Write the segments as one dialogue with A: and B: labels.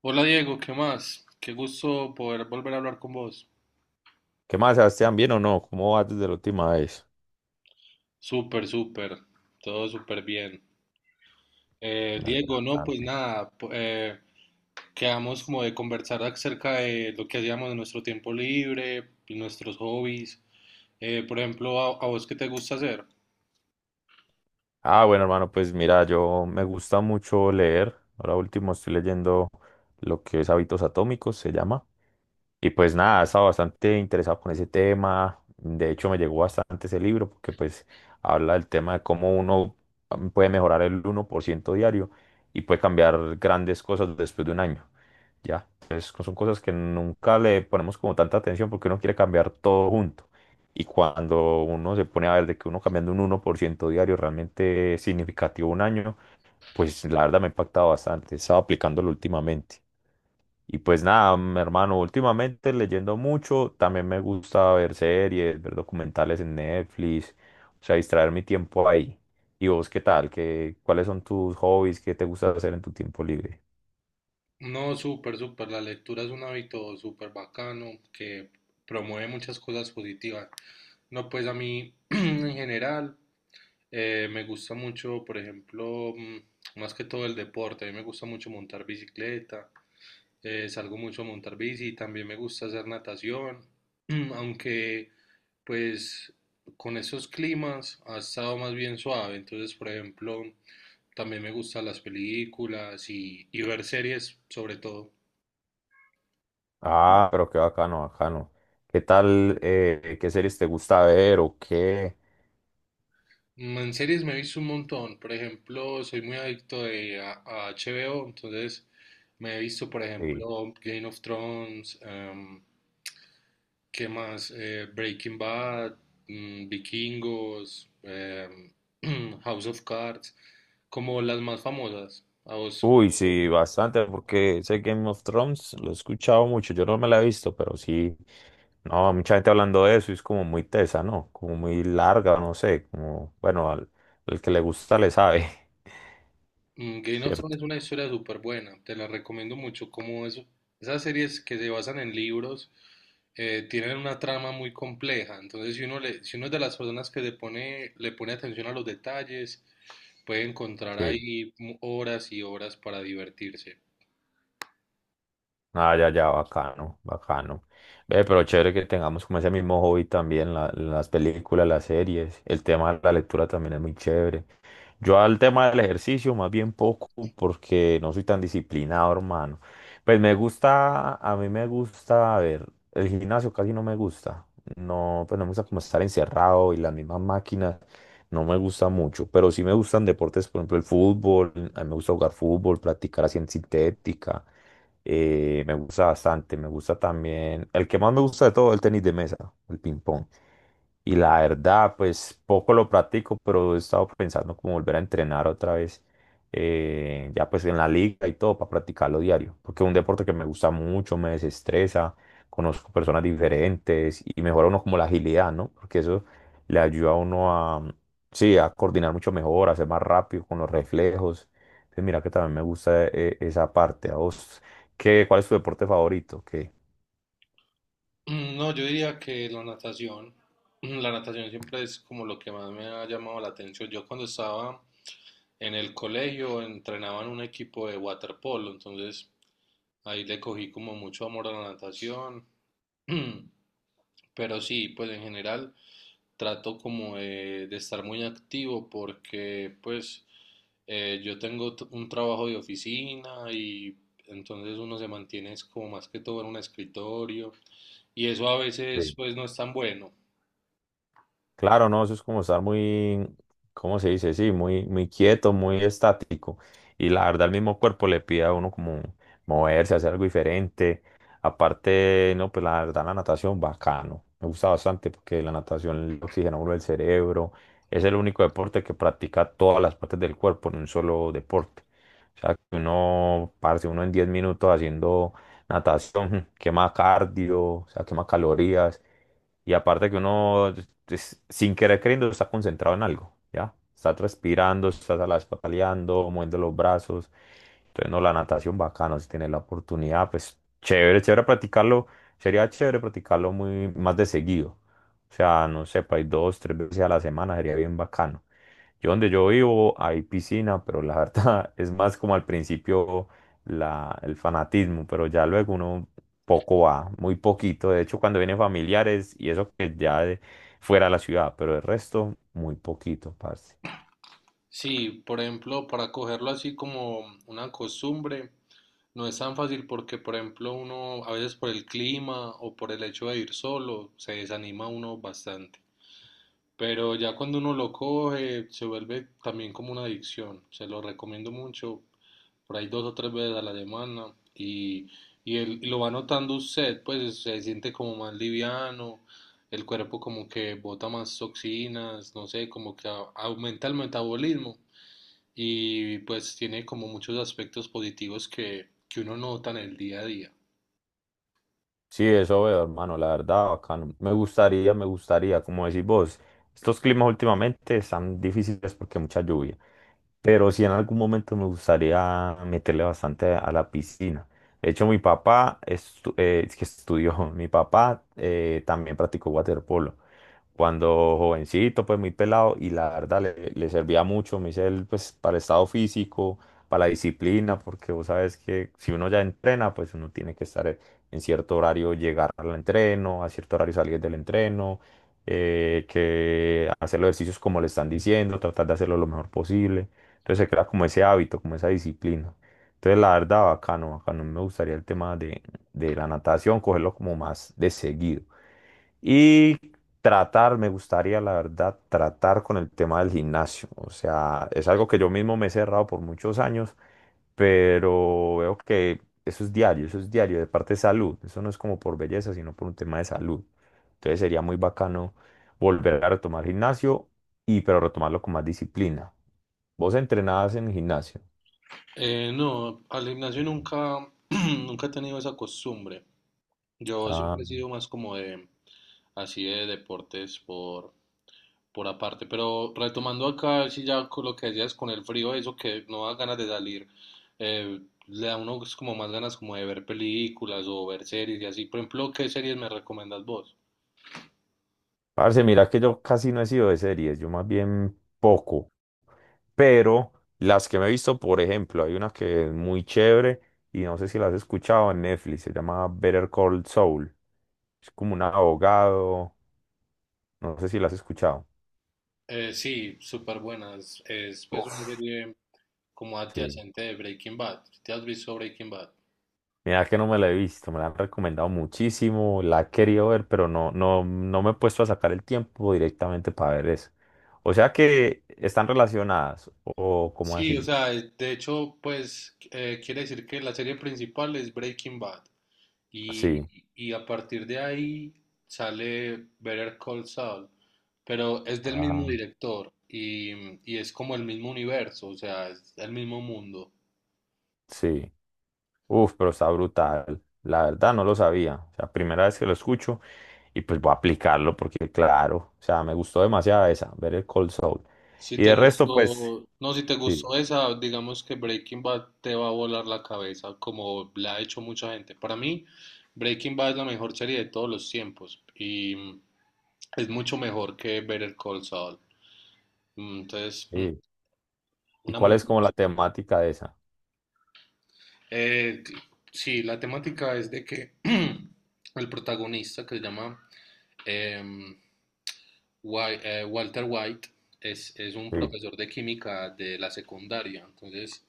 A: Hola Diego, ¿qué más? Qué gusto poder volver a hablar con vos.
B: ¿Qué más, Sebastián? ¿Bien o no? ¿Cómo vas desde la última vez?
A: Súper, súper, todo súper bien.
B: Me alegra
A: Diego, no, pues
B: bastante.
A: nada, quedamos como de conversar acerca de lo que hacíamos en nuestro tiempo libre, y nuestros hobbies. Por ejemplo, a vos ¿qué te gusta hacer?
B: Ah, bueno, hermano, pues mira, yo me gusta mucho leer. Ahora último estoy leyendo lo que es Hábitos Atómicos, se llama. Y pues nada, he estado bastante interesado con ese tema. De hecho, me llegó bastante ese libro porque pues habla del tema de cómo uno puede mejorar el 1% diario y puede cambiar grandes cosas después de un año. Ya, entonces son cosas que nunca le ponemos como tanta atención porque uno quiere cambiar todo junto. Y cuando uno se pone a ver de que uno cambiando un 1% diario realmente es significativo un año, pues la verdad me ha impactado bastante. He estado aplicándolo últimamente. Y pues nada, mi hermano, últimamente leyendo mucho, también me gusta ver series, ver documentales en Netflix, o sea, distraer mi tiempo ahí. ¿Y vos qué tal? ¿Cuáles son tus hobbies? ¿Qué te gusta hacer en tu tiempo libre?
A: No, súper, súper, la lectura es un hábito súper bacano que promueve muchas cosas positivas. No, pues a mí en general. Me gusta mucho, por ejemplo, más que todo el deporte. A mí me gusta mucho montar bicicleta, salgo mucho a montar bici, y también me gusta hacer natación, aunque pues con esos climas ha estado más bien suave. Entonces, por ejemplo, también me gustan las películas y ver series sobre todo.
B: Ah, pero qué bacano, bacano. ¿Qué tal? ¿Qué series te gusta ver o qué?
A: En series me he visto un montón. Por ejemplo, soy muy adicto a HBO, entonces... Me he visto, por
B: Sí.
A: ejemplo, Game of Thrones, ¿qué más? Breaking Bad, Vikingos, House of Cards, como las más famosas. A vos,
B: Uy, sí, bastante, porque ese Game of Thrones lo he escuchado mucho, yo no me la he visto, pero sí, no, mucha gente hablando de eso, y es como muy tesa, ¿no? Como muy larga, no sé, como, bueno, al que le gusta le sabe,
A: Game of Thrones
B: ¿cierto?
A: es una historia súper buena, te la recomiendo mucho. Como eso, esas series que se basan en libros tienen una trama muy compleja. Entonces, si uno es de las personas que le pone atención a los detalles, puede encontrar
B: Sí.
A: ahí horas y horas para divertirse.
B: Ah, ya, ya, bacano, bacano. Ve, pero chévere que tengamos como ese mismo hobby también, las películas, las series, el tema de la lectura también es muy chévere. Yo al tema del ejercicio más bien poco porque no soy tan disciplinado, hermano. Pues me gusta, a mí me gusta, a ver, el gimnasio casi no me gusta. No, pues no me gusta como estar encerrado y las mismas máquinas, no me gusta mucho. Pero sí me gustan deportes, por ejemplo, el fútbol, a mí me gusta jugar fútbol, practicar así en sintética. Me gusta bastante, me gusta también. El que más me gusta de todo, el tenis de mesa, el ping pong. Y la verdad, pues poco lo practico, pero he estado pensando como volver a entrenar otra vez, ya pues en la liga y todo, para practicarlo diario. Porque es un deporte que me gusta mucho, me desestresa, conozco personas diferentes y mejora uno como la agilidad, ¿no? Porque eso le ayuda a uno a, sí, a coordinar mucho mejor, a ser más rápido con los reflejos. Entonces, mira que también me gusta esa parte. A vos. ¿Cuál es tu deporte favorito? ¿Qué?
A: No, yo diría que la natación, la natación siempre es como lo que más me ha llamado la atención. Yo cuando estaba en el colegio entrenaba en un equipo de waterpolo, entonces ahí le cogí como mucho amor a la natación. Pero sí, pues en general trato como de estar muy activo porque pues yo tengo un trabajo de oficina y entonces uno se mantiene es como más que todo en un escritorio y eso a
B: Sí.
A: veces pues no es tan bueno.
B: Claro, no, eso es como estar muy, ¿cómo se dice? Sí, muy, muy quieto, muy estático. Y la verdad, el mismo cuerpo le pide a uno como moverse, hacer algo diferente. Aparte, no, pues la verdad, la natación, bacano. Me gusta bastante porque la natación le oxigena a uno el cerebro. Es el único deporte que practica todas las partes del cuerpo en un solo deporte. O sea, que uno, parce, uno en 10 minutos haciendo natación, quema cardio, o sea, quema calorías. Y aparte que uno, sin querer queriendo, está concentrado en algo, ¿ya? Estás respirando, estás a la vez pataleando, moviendo los brazos. Entonces, no, la natación bacano, si tienes la oportunidad, pues chévere, chévere practicarlo. Sería chévere practicarlo muy más de seguido. O sea, no sé, para 2, 3 veces a la semana sería bien bacano. Yo donde yo vivo hay piscina, pero la verdad es más como al principio el fanatismo, pero ya luego uno poco va, muy poquito. De hecho, cuando vienen familiares y eso que ya fuera de la ciudad, pero el resto, muy poquito, parce.
A: Sí, por ejemplo, para cogerlo así como una costumbre, no es tan fácil porque, por ejemplo, uno a veces por el clima o por el hecho de ir solo, se desanima uno bastante. Pero ya cuando uno lo coge, se vuelve también como una adicción. Se lo recomiendo mucho por ahí dos o tres veces a la semana y él y lo va notando usted, pues se siente como más liviano, el cuerpo como que bota más toxinas, no sé, como que aumenta el metabolismo y pues tiene como muchos aspectos positivos que uno nota en el día a día.
B: Sí, eso veo, hermano, la verdad, bacano. Me gustaría, como decís vos, estos climas últimamente están difíciles porque mucha lluvia. Pero sí en algún momento me gustaría meterle bastante a la piscina. De hecho, mi papá es que estudió, mi papá también practicó waterpolo. Cuando jovencito, pues muy pelado, y la verdad le servía mucho, me dice él, pues para el estado físico, para la disciplina, porque vos sabes que si uno ya entrena, pues uno tiene que estar en cierto horario, llegar al entreno, a cierto horario salir del entreno, que hacer los ejercicios como le están diciendo, tratar de hacerlo lo mejor posible. Entonces se crea como ese hábito, como esa disciplina. Entonces la verdad, bacano, bacano. Me gustaría el tema de la natación, cogerlo como más de seguido. Y tratar, me gustaría la verdad, tratar con el tema del gimnasio. O sea, es algo que yo mismo me he cerrado por muchos años, pero veo que eso es diario, de parte de salud. Eso no es como por belleza, sino por un tema de salud. Entonces sería muy bacano volver a retomar gimnasio y pero retomarlo con más disciplina. Vos entrenabas en gimnasio.
A: No, al gimnasio nunca, nunca he tenido esa costumbre. Yo
B: Ah,
A: siempre he sido más como así de deportes por aparte. Pero retomando acá, si ya con lo que decías con el frío, eso que no da ganas de salir, eh, le da a uno pues, como más ganas como de ver películas o ver series y así. Por ejemplo, ¿qué series me recomiendas vos?
B: parce, mira que yo casi no he sido de series, yo más bien poco. Pero las que me he visto, por ejemplo, hay una que es muy chévere y no sé si la has escuchado en Netflix, se llama Better Call Saul. Es como un abogado, no sé si la has escuchado.
A: Sí, súper buenas. Es pues una
B: Uf,
A: serie como
B: sí.
A: adyacente de Breaking Bad. ¿Te has visto Breaking Bad?
B: Mira que no me la he visto, me la han recomendado muchísimo, la he querido ver, pero no, no, no me he puesto a sacar el tiempo directamente para ver eso. O sea que están relacionadas, o como
A: Sí, o
B: así.
A: sea, de hecho, pues quiere decir que la serie principal es Breaking Bad y,
B: Sí.
A: y a partir de ahí sale Better Call Saul, pero es del mismo
B: Ah.
A: director y es como el mismo universo, o sea, es el mismo mundo.
B: Sí. Uf, pero está brutal. La verdad no lo sabía. O sea, primera vez que lo escucho y pues voy a aplicarlo porque claro, o sea, me gustó demasiado esa, ver el Cold Soul.
A: Si
B: Y
A: te
B: de resto, pues,
A: gustó, no, si te
B: sí.
A: gustó esa, digamos que Breaking Bad te va a volar la cabeza, como la ha hecho mucha gente. Para mí, Breaking Bad es la mejor serie de todos los tiempos y es mucho mejor que Better Call Saul. Entonces,
B: Sí. ¿Y
A: una muy
B: cuál es
A: buena
B: como la
A: serie.
B: temática de esa?
A: Eh, c- sí, la temática es de que el protagonista que se llama em, Walter White es un
B: Sí,
A: profesor de química de la secundaria, entonces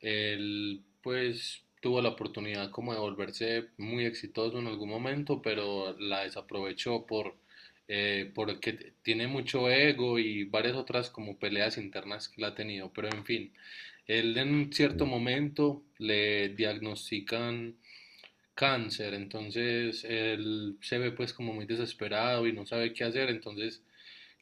A: él pues tuvo la oportunidad como de volverse muy exitoso en algún momento, pero la desaprovechó por, porque tiene mucho ego y varias otras como peleas internas que la ha tenido, pero en fin, él en cierto
B: sí,
A: momento le diagnostican cáncer, entonces él se ve pues como muy desesperado y no sabe qué hacer, entonces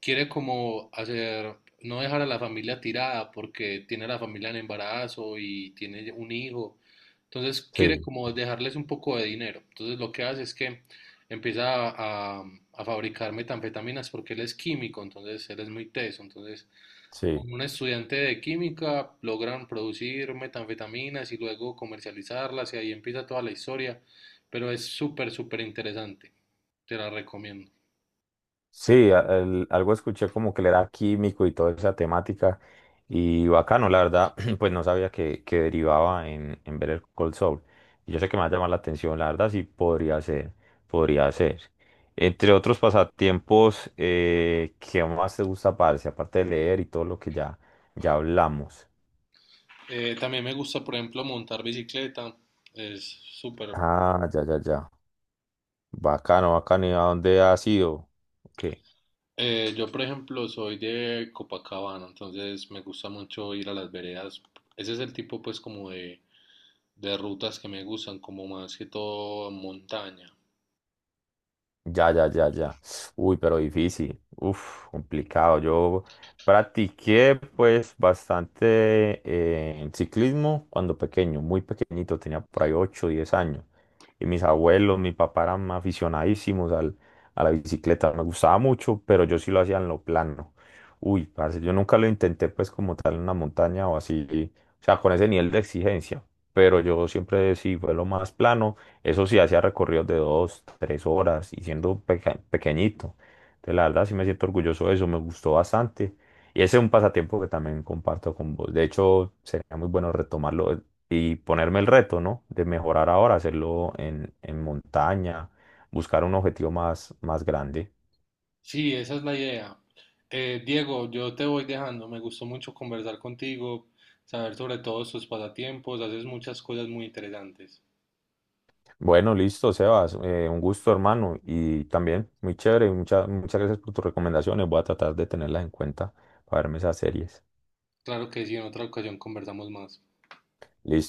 A: quiere como hacer, no dejar a la familia tirada porque tiene a la familia en embarazo y tiene un hijo. Entonces quiere
B: sí.
A: como dejarles un poco de dinero. Entonces lo que hace es que empieza a fabricar metanfetaminas porque él es químico, entonces él es muy teso. Entonces
B: Sí.
A: con un estudiante de química logran producir metanfetaminas y luego comercializarlas y ahí empieza toda la historia. Pero es súper, súper interesante. Te la recomiendo.
B: Sí, algo escuché como que le era químico y toda esa temática. Y bacano, la verdad, pues no sabía que derivaba en ver el Cold Soul. Y yo sé que me va a llamar la atención, la verdad, sí podría ser, podría ser. Entre otros pasatiempos, ¿qué más te gusta, parce? Aparte de leer y todo lo que ya, ya hablamos.
A: También me gusta, por ejemplo, montar bicicleta. Es súper.
B: Ah, ya, ya, ya. Bacano, bacano. ¿Y a dónde has ido? Ok.
A: Yo, por ejemplo, soy de Copacabana, entonces me gusta mucho ir a las veredas. Ese es el tipo, pues, como de rutas que me gustan, como más que todo montaña.
B: Ya, ya, ya, ya. Uy, pero difícil. Uf, complicado. Yo practiqué pues bastante en ciclismo cuando pequeño, muy pequeñito, tenía por ahí 8, 10 años. Y mis abuelos, mi papá eran aficionadísimos al, a la bicicleta. Me gustaba mucho, pero yo sí lo hacía en lo plano. Uy, parce, yo nunca lo intenté pues como tal en una montaña o así. O sea, con ese nivel de exigencia. Pero yo siempre sí fue lo más plano. Eso sí, hacía recorridos de 2, 3 horas y siendo pequeñito. Entonces, la verdad, sí me siento orgulloso de eso, me gustó bastante. Y ese es un pasatiempo que también comparto con vos. De hecho, sería muy bueno retomarlo y ponerme el reto, ¿no? De mejorar ahora, hacerlo en montaña, buscar un objetivo más, más grande.
A: Sí, esa es la idea. Diego, yo te voy dejando. Me gustó mucho conversar contigo, saber sobre todos tus pasatiempos. Haces muchas cosas muy interesantes.
B: Bueno, listo, Sebas. Un gusto, hermano. Y también muy chévere. Muchas, muchas gracias por tus recomendaciones. Voy a tratar de tenerlas en cuenta para verme esas series.
A: Claro que sí, en otra ocasión conversamos más.
B: Listo.